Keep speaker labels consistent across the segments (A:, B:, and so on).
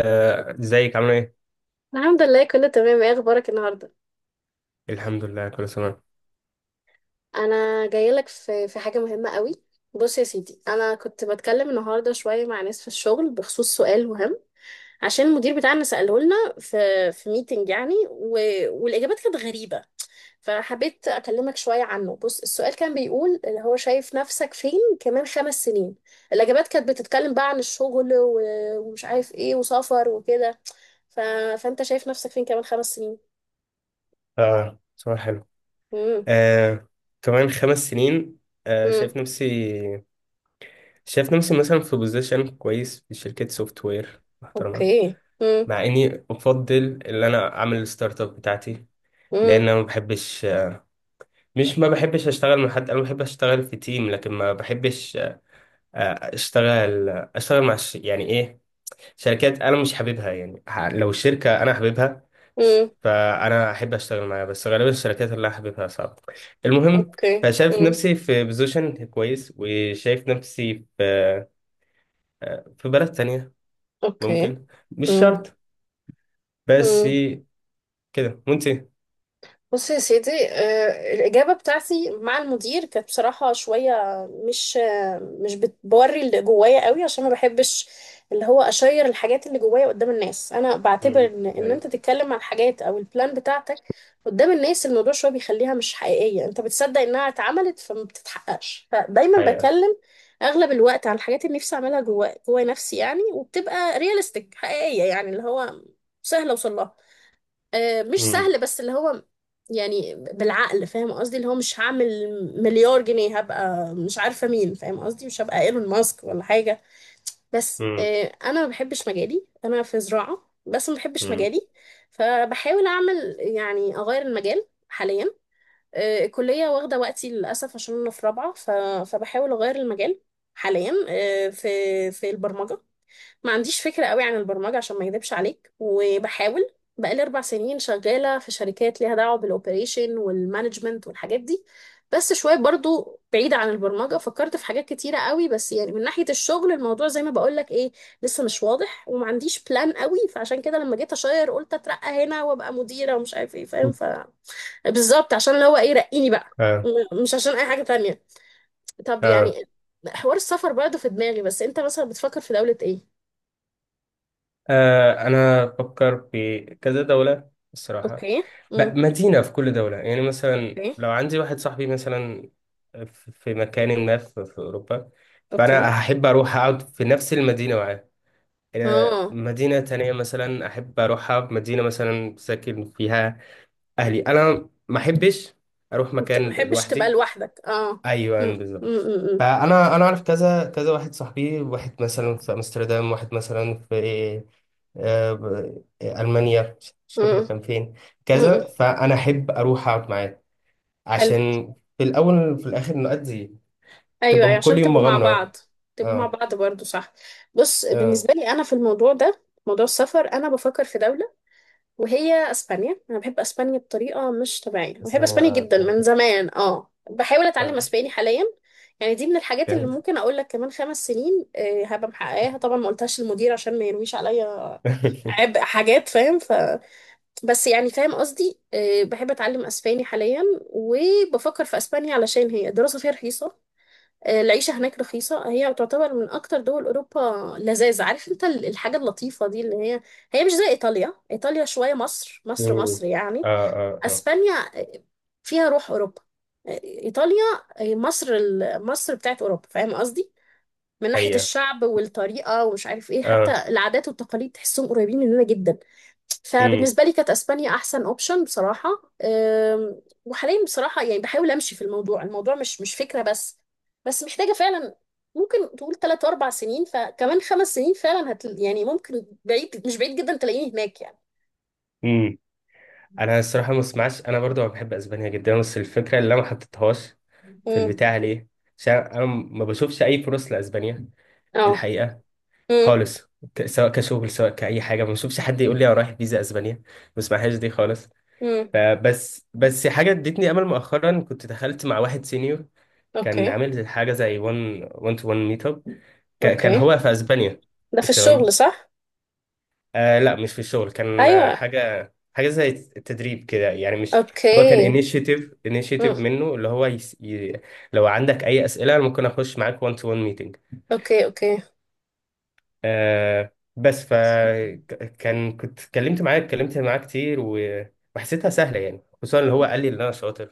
A: ازيك عامل ايه؟
B: الحمد لله، كله تمام. ايه اخبارك النهارده؟
A: الحمد لله كله تمام.
B: انا جايه لك في حاجه مهمه قوي. بص يا سيدي، انا كنت بتكلم النهارده شويه مع ناس في الشغل بخصوص سؤال مهم، عشان المدير بتاعنا ساله لنا في ميتنج يعني والاجابات كانت غريبه. فحبيت اكلمك شويه عنه. بص، السؤال كان بيقول اللي هو شايف نفسك فين كمان 5 سنين. الاجابات كانت بتتكلم بقى عن الشغل ومش عارف ايه، وسفر وكده. ف... فانت شايف نفسك فين كمان خمس سنين؟
A: اه، صباح حلو.
B: امم.
A: آه، كمان 5 سنين. آه،
B: امم.
A: شايف نفسي شايف نفسي مثلا في بوزيشن كويس في شركة سوفت وير محترمة.
B: اوكي.
A: مع اني افضل ان انا اعمل الستارت اب بتاعتي. لان
B: امم.
A: انا ما بحبش. مش ما بحبش اشتغل مع حد، انا بحب اشتغل في تيم لكن ما بحبش اشتغل مع يعني ايه، شركات انا مش حاببها، يعني لو الشركه انا حاببها،
B: امم.
A: فانا احب اشتغل معاها، بس غالبا الشركات اللي انا حاببها صعبه. المهم،
B: اوكي.
A: فشايف
B: امم.
A: نفسي في بوزيشن كويس وشايف نفسي في بلد تانية،
B: اوكي.
A: ممكن مش شرط. بس
B: امم.
A: كده، وانت؟
B: بص يا سيدي، الإجابة بتاعتي مع المدير كانت بصراحة شوية مش، مش بتوري اللي جوايا قوي، عشان ما بحبش اللي هو أشير الحاجات اللي جوايا قدام الناس. أنا بعتبر
A: امم.
B: إن أنت تتكلم عن حاجات أو البلان بتاعتك قدام الناس، الموضوع شوية بيخليها مش حقيقية. أنت بتصدق إنها اتعملت فما بتتحققش. فدايما
A: حقيقة.
B: بتكلم أغلب الوقت عن الحاجات اللي نفسي أعملها جوا نفسي يعني، وبتبقى رياليستيك حقيقية، يعني اللي هو سهل أوصل لها. مش
A: امم.
B: سهل، بس اللي هو يعني بالعقل، فاهم قصدي؟ اللي هو مش هعمل مليار جنيه، هبقى مش عارفة مين، فاهم قصدي؟ مش هبقى ايلون ماسك ولا حاجة. بس
A: امم.
B: انا ما بحبش مجالي، انا في زراعة بس ما بحبش
A: امم.
B: مجالي، فبحاول اعمل يعني اغير المجال حاليا. الكلية واخدة وقتي للأسف عشان انا في رابعة. فبحاول اغير المجال حاليا، في البرمجة. ما عنديش فكرة قوي عن البرمجة عشان ما اكذبش عليك، وبحاول. بقالي 4 سنين شغالة في شركات ليها دعوة بالأوبريشن والمانجمنت والحاجات دي، بس شوية برضو بعيدة عن البرمجة. فكرت في حاجات كتيرة قوي، بس يعني من ناحية الشغل الموضوع زي ما بقولك ايه، لسه مش واضح وما عنديش بلان قوي. فعشان كده لما جيت أشير قلت أترقى هنا وأبقى مديرة ومش عارف ايه، فاهم؟ ف بالظبط، عشان اللي هو ايه، رقيني بقى،
A: اه.
B: مش عشان أي حاجة تانية. طب يعني حوار السفر برضه في دماغي، بس انت مثلا بتفكر في دولة ايه؟
A: أنا بفكر في كذا دولة الصراحة.
B: اوكي. امم.
A: مدينة في كل دولة، يعني مثلا
B: اوكي.
A: لو عندي واحد صاحبي مثلا في مكان ما في أوروبا،
B: اوكي.
A: فأنا هحب أروح أقعد في نفس المدينة معاه.
B: اه،
A: مدينة تانية مثلا أحب أروحها، مدينة مثلا ساكن فيها أهلي. أنا ما أحبش أروح
B: انت ما
A: مكان
B: بتحبش تبقى
A: لوحدي.
B: لوحدك، اه.
A: ايوه،
B: امم.
A: أيوة، بالظبط.
B: امم.
A: فانا اعرف كذا كذا واحد صاحبي، واحد مثلا في امستردام، واحد مثلا في المانيا، مش فاكر
B: امم.
A: كان فين.
B: امم.
A: كذا فانا احب اروح اقعد معاه،
B: حلو.
A: عشان في الاول وفي الاخر نؤدي.
B: ايوه
A: تبقى
B: أيوة،
A: كل
B: عشان
A: يوم
B: تبقوا مع
A: مغامره.
B: بعض. تبقوا مع
A: اه.
B: بعض برضو، صح. بص،
A: اه.
B: بالنسبه لي انا في الموضوع ده، موضوع السفر، انا بفكر في دوله وهي اسبانيا. انا بحب اسبانيا بطريقه مش طبيعيه، أنا
A: بس
B: بحب
A: ثانيه،
B: اسبانيا جدا
A: ثانية
B: من
A: كده.
B: زمان. اه، بحاول اتعلم
A: آه،
B: اسباني حاليا، يعني دي من الحاجات اللي
A: فهمت.
B: ممكن اقول لك كمان 5 سنين هبقى محققاها. طبعا ما قلتهاش للمدير عشان ما يرويش عليا عبء حاجات، فاهم؟ ف بس يعني فاهم قصدي، بحب اتعلم اسباني حاليا وبفكر في اسبانيا علشان هي الدراسه فيها رخيصه، العيشه هناك رخيصه. هي تعتبر من اكتر دول اوروبا لذاذ، عارف انت الحاجه اللطيفه دي اللي هي هي مش زي ايطاليا. ايطاليا شويه مصر مصر
A: مم.
B: مصر
A: اه.
B: يعني.
A: اه. اه.
B: اسبانيا فيها روح اوروبا. ايطاليا مصر، مصر بتاعت اوروبا، فاهم قصدي؟ من ناحيه
A: حقيقه.
B: الشعب والطريقه ومش عارف ايه، حتى
A: اه.
B: العادات والتقاليد تحسهم قريبين مننا جدا. فبالنسبة لي كانت أسبانيا أحسن أوبشن بصراحة. وحاليا بصراحة يعني بحاول أمشي في الموضوع، الموضوع مش فكرة بس، بس محتاجة فعلا. ممكن تقول 3 4 سنين، فكمان 5 سنين فعلا هت يعني ممكن بعيد، مش بعيد جدا تلاقيني هناك يعني.
A: امم. انا الصراحه ما اسمعش، انا برضو بحب اسبانيا جدا، بس الفكره اللي انا ما حطيتهاش في
B: امم.
A: البتاع ليه، عشان انا ما بشوفش اي فرص لاسبانيا،
B: اه.
A: الحقيقه،
B: امم.
A: خالص. سواء كشغل سواء كاي حاجه، ما بشوفش حد يقول لي انا رايح فيزا اسبانيا، ما اسمعهاش دي خالص.
B: امم.
A: فبس حاجه ادتني امل، مؤخرا كنت دخلت مع واحد سينيور كان
B: اوكي.
A: عامل حاجه زي 1 1 تو 1 ميت اب، كان
B: اوكي.
A: هو في اسبانيا.
B: ده في
A: تمام.
B: الشغل صح؟
A: آه لا، مش في الشغل، كان
B: أيوه.
A: حاجة زي التدريب كده، يعني مش. هو كان
B: اوكي.
A: انيشيتيف
B: امم.
A: منه، اللي هو لو عندك أي أسئلة أنا ممكن أخش معاك 1 تو 1 ميتنج.
B: اوكي. اوكي.
A: بس كنت اتكلمت معاه، اتكلمت معاه كتير، وحسيتها سهلة، يعني خصوصا اللي هو قال لي إن أنا شاطر.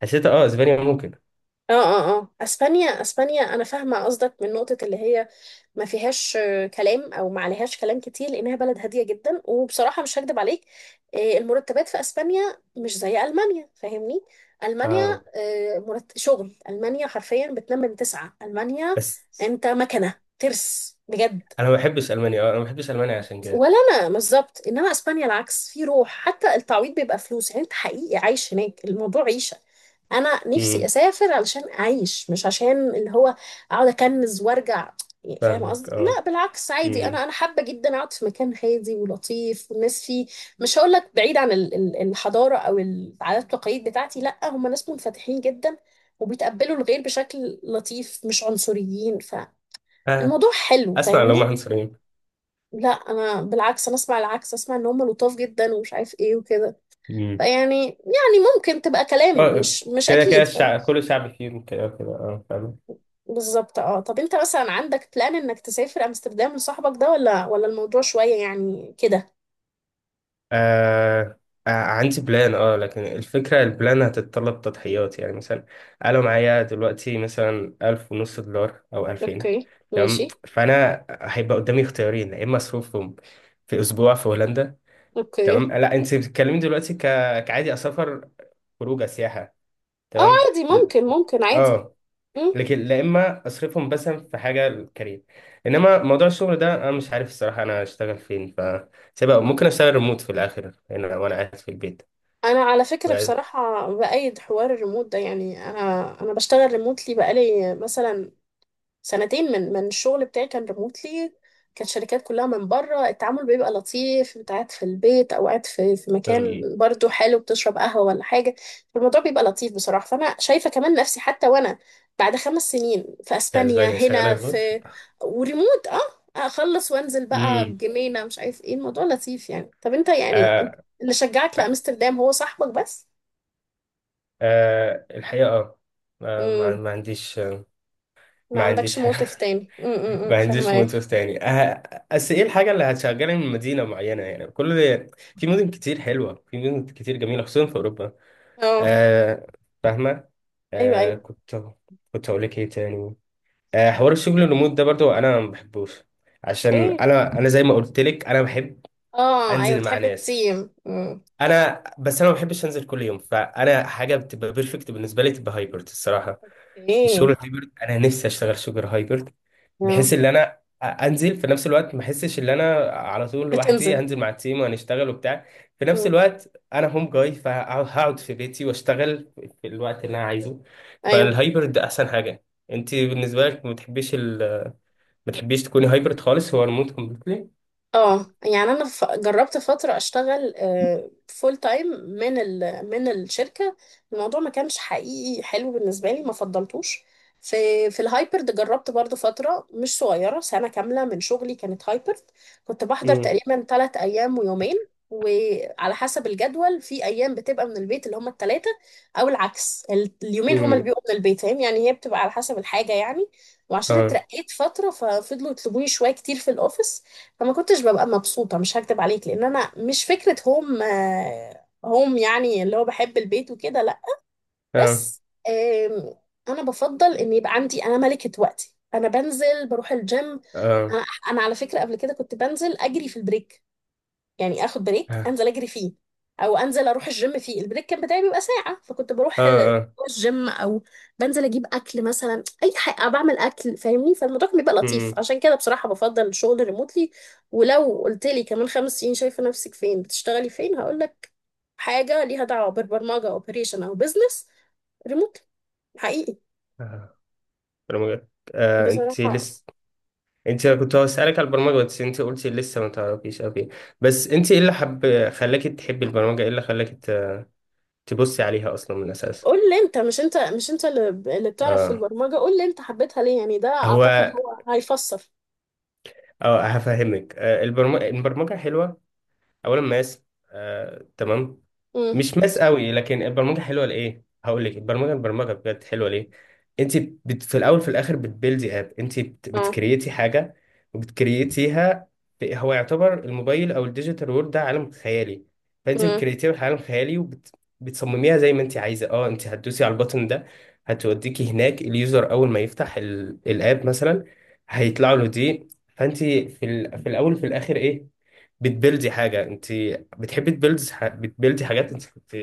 A: فحسيت اسبانيا ممكن.
B: اه اه اه، اسبانيا اسبانيا، انا فاهمه قصدك من نقطه اللي هي ما فيهاش كلام او ما عليهاش كلام كتير لانها بلد هاديه جدا. وبصراحه مش هكدب عليك، المرتبات في اسبانيا مش زي المانيا، فاهمني؟ المانيا
A: اه،
B: شغل المانيا حرفيا بتنام من تسعه. المانيا
A: بس
B: انت مكنه ترس بجد.
A: انا ما بحبش المانيا، انا ما بحبش المانيا عشان كده.
B: ولا انا بالظبط، انما اسبانيا العكس، في روح، حتى التعويض بيبقى فلوس، يعني انت حقيقي عايش هناك، الموضوع عيشه. انا نفسي
A: امم.
B: اسافر علشان اعيش، مش عشان اللي هو اقعد اكنز وارجع، يعني فاهم
A: فاهمك.
B: قصدي؟
A: اه.
B: لا بالعكس، عادي،
A: امم.
B: انا حابه جدا اقعد في مكان هادي ولطيف، والناس فيه مش هقول لك بعيد عن الحضاره او العادات والتقاليد بتاعتي، لا، هم ناس منفتحين جدا وبيتقبلوا الغير بشكل لطيف، مش عنصريين،
A: آه،
B: فالموضوع حلو
A: اسمع، لو هم
B: فاهمني.
A: عنصريين.
B: لا، انا بالعكس انا اسمع العكس، اسمع ان هم لطاف جدا ومش عارف ايه وكده. فيعني يعني ممكن تبقى كلام
A: اه.
B: مش
A: كده كده
B: اكيد، فاهم؟
A: الشعب، كل شعب فيهم كده كده، اه فاهم.
B: بالظبط. اه، طب انت مثلا عندك بلان انك تسافر امستردام لصاحبك ده، ولا الموضوع شوية يعني كده؟
A: آه. عندي بلان، اه، لكن الفكرة البلان هتتطلب تضحيات، يعني مثلا أنا معايا دلوقتي مثلا 1500 دولار أو 2000.
B: اوكي
A: تمام،
B: ماشي.
A: فأنا هيبقى قدامي اختيارين، يا إما أصرفهم في أسبوع في هولندا.
B: اوكي.
A: تمام. لا، أنت بتتكلمي دلوقتي كعادي أسافر خروجة سياحة.
B: اه
A: تمام.
B: عادي، ممكن عادي.
A: اه.
B: مم.
A: لكن لا، اما اصرفهم مثلا في حاجه للكارير، انما موضوع الشغل ده انا مش عارف الصراحه انا اشتغل فين، سيبها، ممكن اشتغل ريموت في الاخر هنا وانا قاعد في البيت.
B: انا على فكرة
A: بعد-
B: بصراحة بأيد حوار الريموت ده، يعني انا انا بشتغل ريموتلي بقالي مثلا سنتين. من الشغل بتاعي كان ريموتلي، كانت شركات كلها من بره. التعامل بيبقى لطيف، انت قاعد في البيت او قاعد في مكان،
A: أمم،
B: برضو حلو، بتشرب قهوة ولا حاجة، الموضوع بيبقى لطيف بصراحة. فانا شايفة كمان نفسي حتى وانا بعد 5 سنين في
A: في
B: اسبانيا،
A: اسبانيا شغاله
B: هنا
A: ريموت.
B: في، وريموت، اه. اخلص وانزل بقى
A: امم.
B: الجنينة مش عارف ايه، الموضوع لطيف يعني. طب انت يعني
A: آه.
B: اللي شجعك
A: آه.
B: لامستردام هو صاحبك بس؟
A: الحقيقه، اه. ما
B: امم.
A: ما عنديش.
B: ما
A: ما عنديش
B: عندكش موقف
A: حاجة.
B: تاني،
A: ما
B: امم، فاهمة
A: عنديش
B: ايه.
A: موتوف تاني، بس ايه الحاجه اللي هتشغلني من مدينه معينه يعني، كل، في مدن كتير حلوه، في مدن كتير جميله، خصوصا في اوروبا.
B: اه
A: آه. فاهمة.
B: ايوه
A: آه
B: ايوه.
A: كنت كنت هقول لك ايه تاني؟ حوار الشغل الريموت ده برضو انا ما بحبوش، عشان
B: ليه؟
A: انا زي ما قلت لك انا بحب
B: اه ايوه،
A: انزل مع
B: بتحب
A: ناس.
B: التيم. مم.
A: انا بس انا ما بحبش انزل كل يوم، فانا حاجه بتبقى بيرفكت بالنسبه لي تبقى هايبرد الصراحه.
B: ايه.
A: الشغل الهايبرد، انا نفسي اشتغل شغل هايبرد، بحيث
B: آه.
A: ان انا انزل في نفس الوقت ما احسش ان انا على طول لوحدي،
B: بتنزل.
A: هنزل مع التيم وهنشتغل وبتاع، في نفس
B: مم.
A: الوقت انا هوم جاي فهقعد في بيتي واشتغل في الوقت اللي انا عايزه،
B: ايوه.
A: فالهايبرد احسن حاجه. انت بالنسبه لك ما بتحبيش تكوني هايبرد خالص؟ هو ريموت كومبليتلي؟
B: اه يعني انا جربت فتره اشتغل فول تايم من من الشركه، الموضوع ما كانش حقيقي حلو بالنسبه لي، ما فضلتوش في. في الهايبرد جربت برضو فتره مش صغيره، سنه كامله من شغلي كانت هايبرد. كنت بحضر
A: امم.
B: تقريبا 3 ايام ويومين، وعلى حسب الجدول، في ايام بتبقى من البيت اللي هما الثلاثه، او العكس، اليومين هما اللي
A: امم.
B: بيبقوا من البيت، فاهم يعني؟ هي بتبقى على حسب الحاجه يعني. وعشان
A: اه.
B: اترقيت فتره، ففضلوا يطلبوني شويه كتير في الاوفيس، فما كنتش ببقى مبسوطة. مش هكدب عليك، لأن أنا مش فكرة هوم، هوم يعني اللي هو بحب البيت وكده، لأ،
A: اه.
B: بس. آم، أنا بفضل إن يبقى عندي أنا ملكة وقتي. أنا بنزل بروح الجيم.
A: اه.
B: أنا أنا على فكرة قبل كده كنت بنزل أجري في البريك، يعني اخد بريك
A: اه.
B: انزل اجري فيه او انزل اروح الجيم فيه. البريك كان بتاعي بيبقى ساعه، فكنت بروح
A: اه.
B: الجيم او بنزل اجيب اكل مثلا اي حاجه، أو بعمل اكل، فاهمني؟ فالموضوع كان بيبقى لطيف،
A: امم.
B: عشان كده بصراحه بفضل الشغل ريموتلي. ولو قلت لي كمان 5 سنين شايفه نفسك فين، بتشتغلي فين، هقول لك حاجه ليها دعوه بالبرمجه او اوبريشن او بزنس، ريموتلي، حقيقي،
A: اه. آه. آه. آه. آه. آه. آه. آه. آه.
B: بصراحه.
A: انت كنت هسألك على البرمجة بس انت قلتي لسه ما تعرفيش، اوكي، بس انت ايه اللي حب خلاكي تحبي البرمجة؟ ايه اللي خلاكي تبصي عليها اصلا من الاساس؟
B: قول لي انت، مش انت مش انت اللي اللي بتعرف في
A: اه.
B: البرمجه، قول لي انت حبيتها ليه، يعني ده اعتقد
A: هو.
B: هو هيفسر.
A: اه هفهمك. البرمجة حلوة. اولا ماس، تمام.
B: امم.
A: مش ماس قوي لكن البرمجه حلوه، لايه هقول لك البرمجه بجد حلوه ليه. انت في الاول في الاخر بتبيلدي اب، انت بتكريتي حاجه وبتكريتيها. هو يعتبر الموبايل او الديجيتال وورد ده عالم خيالي، فانت
B: اه.
A: بتكريتيها في عالم خيالي بتصمميها زي ما انت عايزه. اه، انت هتدوسي على البوتن ده هتوديكي هناك. اليوزر اول ما يفتح الاب مثلا هيطلع له دي. فانت في الاول في الاخر ايه؟ بتبلدي حاجة، انت بتحبي تبلدي بتبلدي حاجات، انت كنت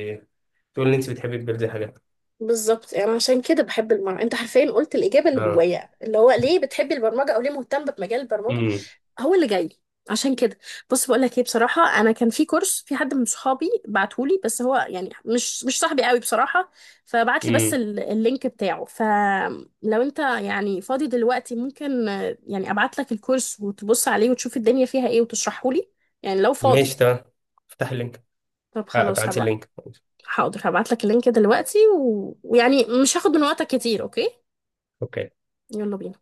A: تقول ان انت بتحبي تبلدي حاجات.
B: بالظبط، يعني عشان كده بحب البرمجه. انت حرفيا قلت الاجابه اللي
A: اه.
B: جوايا، اللي هو ليه بتحبي البرمجه او ليه مهتم بمجال البرمجه،
A: امم.
B: هو اللي جاي. عشان كده بص، بقول لك ايه، بصراحه انا كان في كورس، في حد من صحابي بعتهولي، بس هو يعني مش صاحبي قوي بصراحه، فبعت لي بس
A: امم.
B: اللينك بتاعه. فلو انت يعني فاضي دلوقتي، ممكن يعني ابعت لك الكورس وتبص عليه وتشوف الدنيا فيها ايه وتشرحه لي، يعني لو فاضي.
A: ماشي، تمام. افتح اللينك.
B: طب
A: اه،
B: خلاص
A: ابعتي
B: هبعت.
A: اللينك.
B: حاضر، هبعت لك اللينك دلوقتي ويعني مش هاخد من وقتك كتير، اوكي.
A: اوكي.
B: يلا بينا.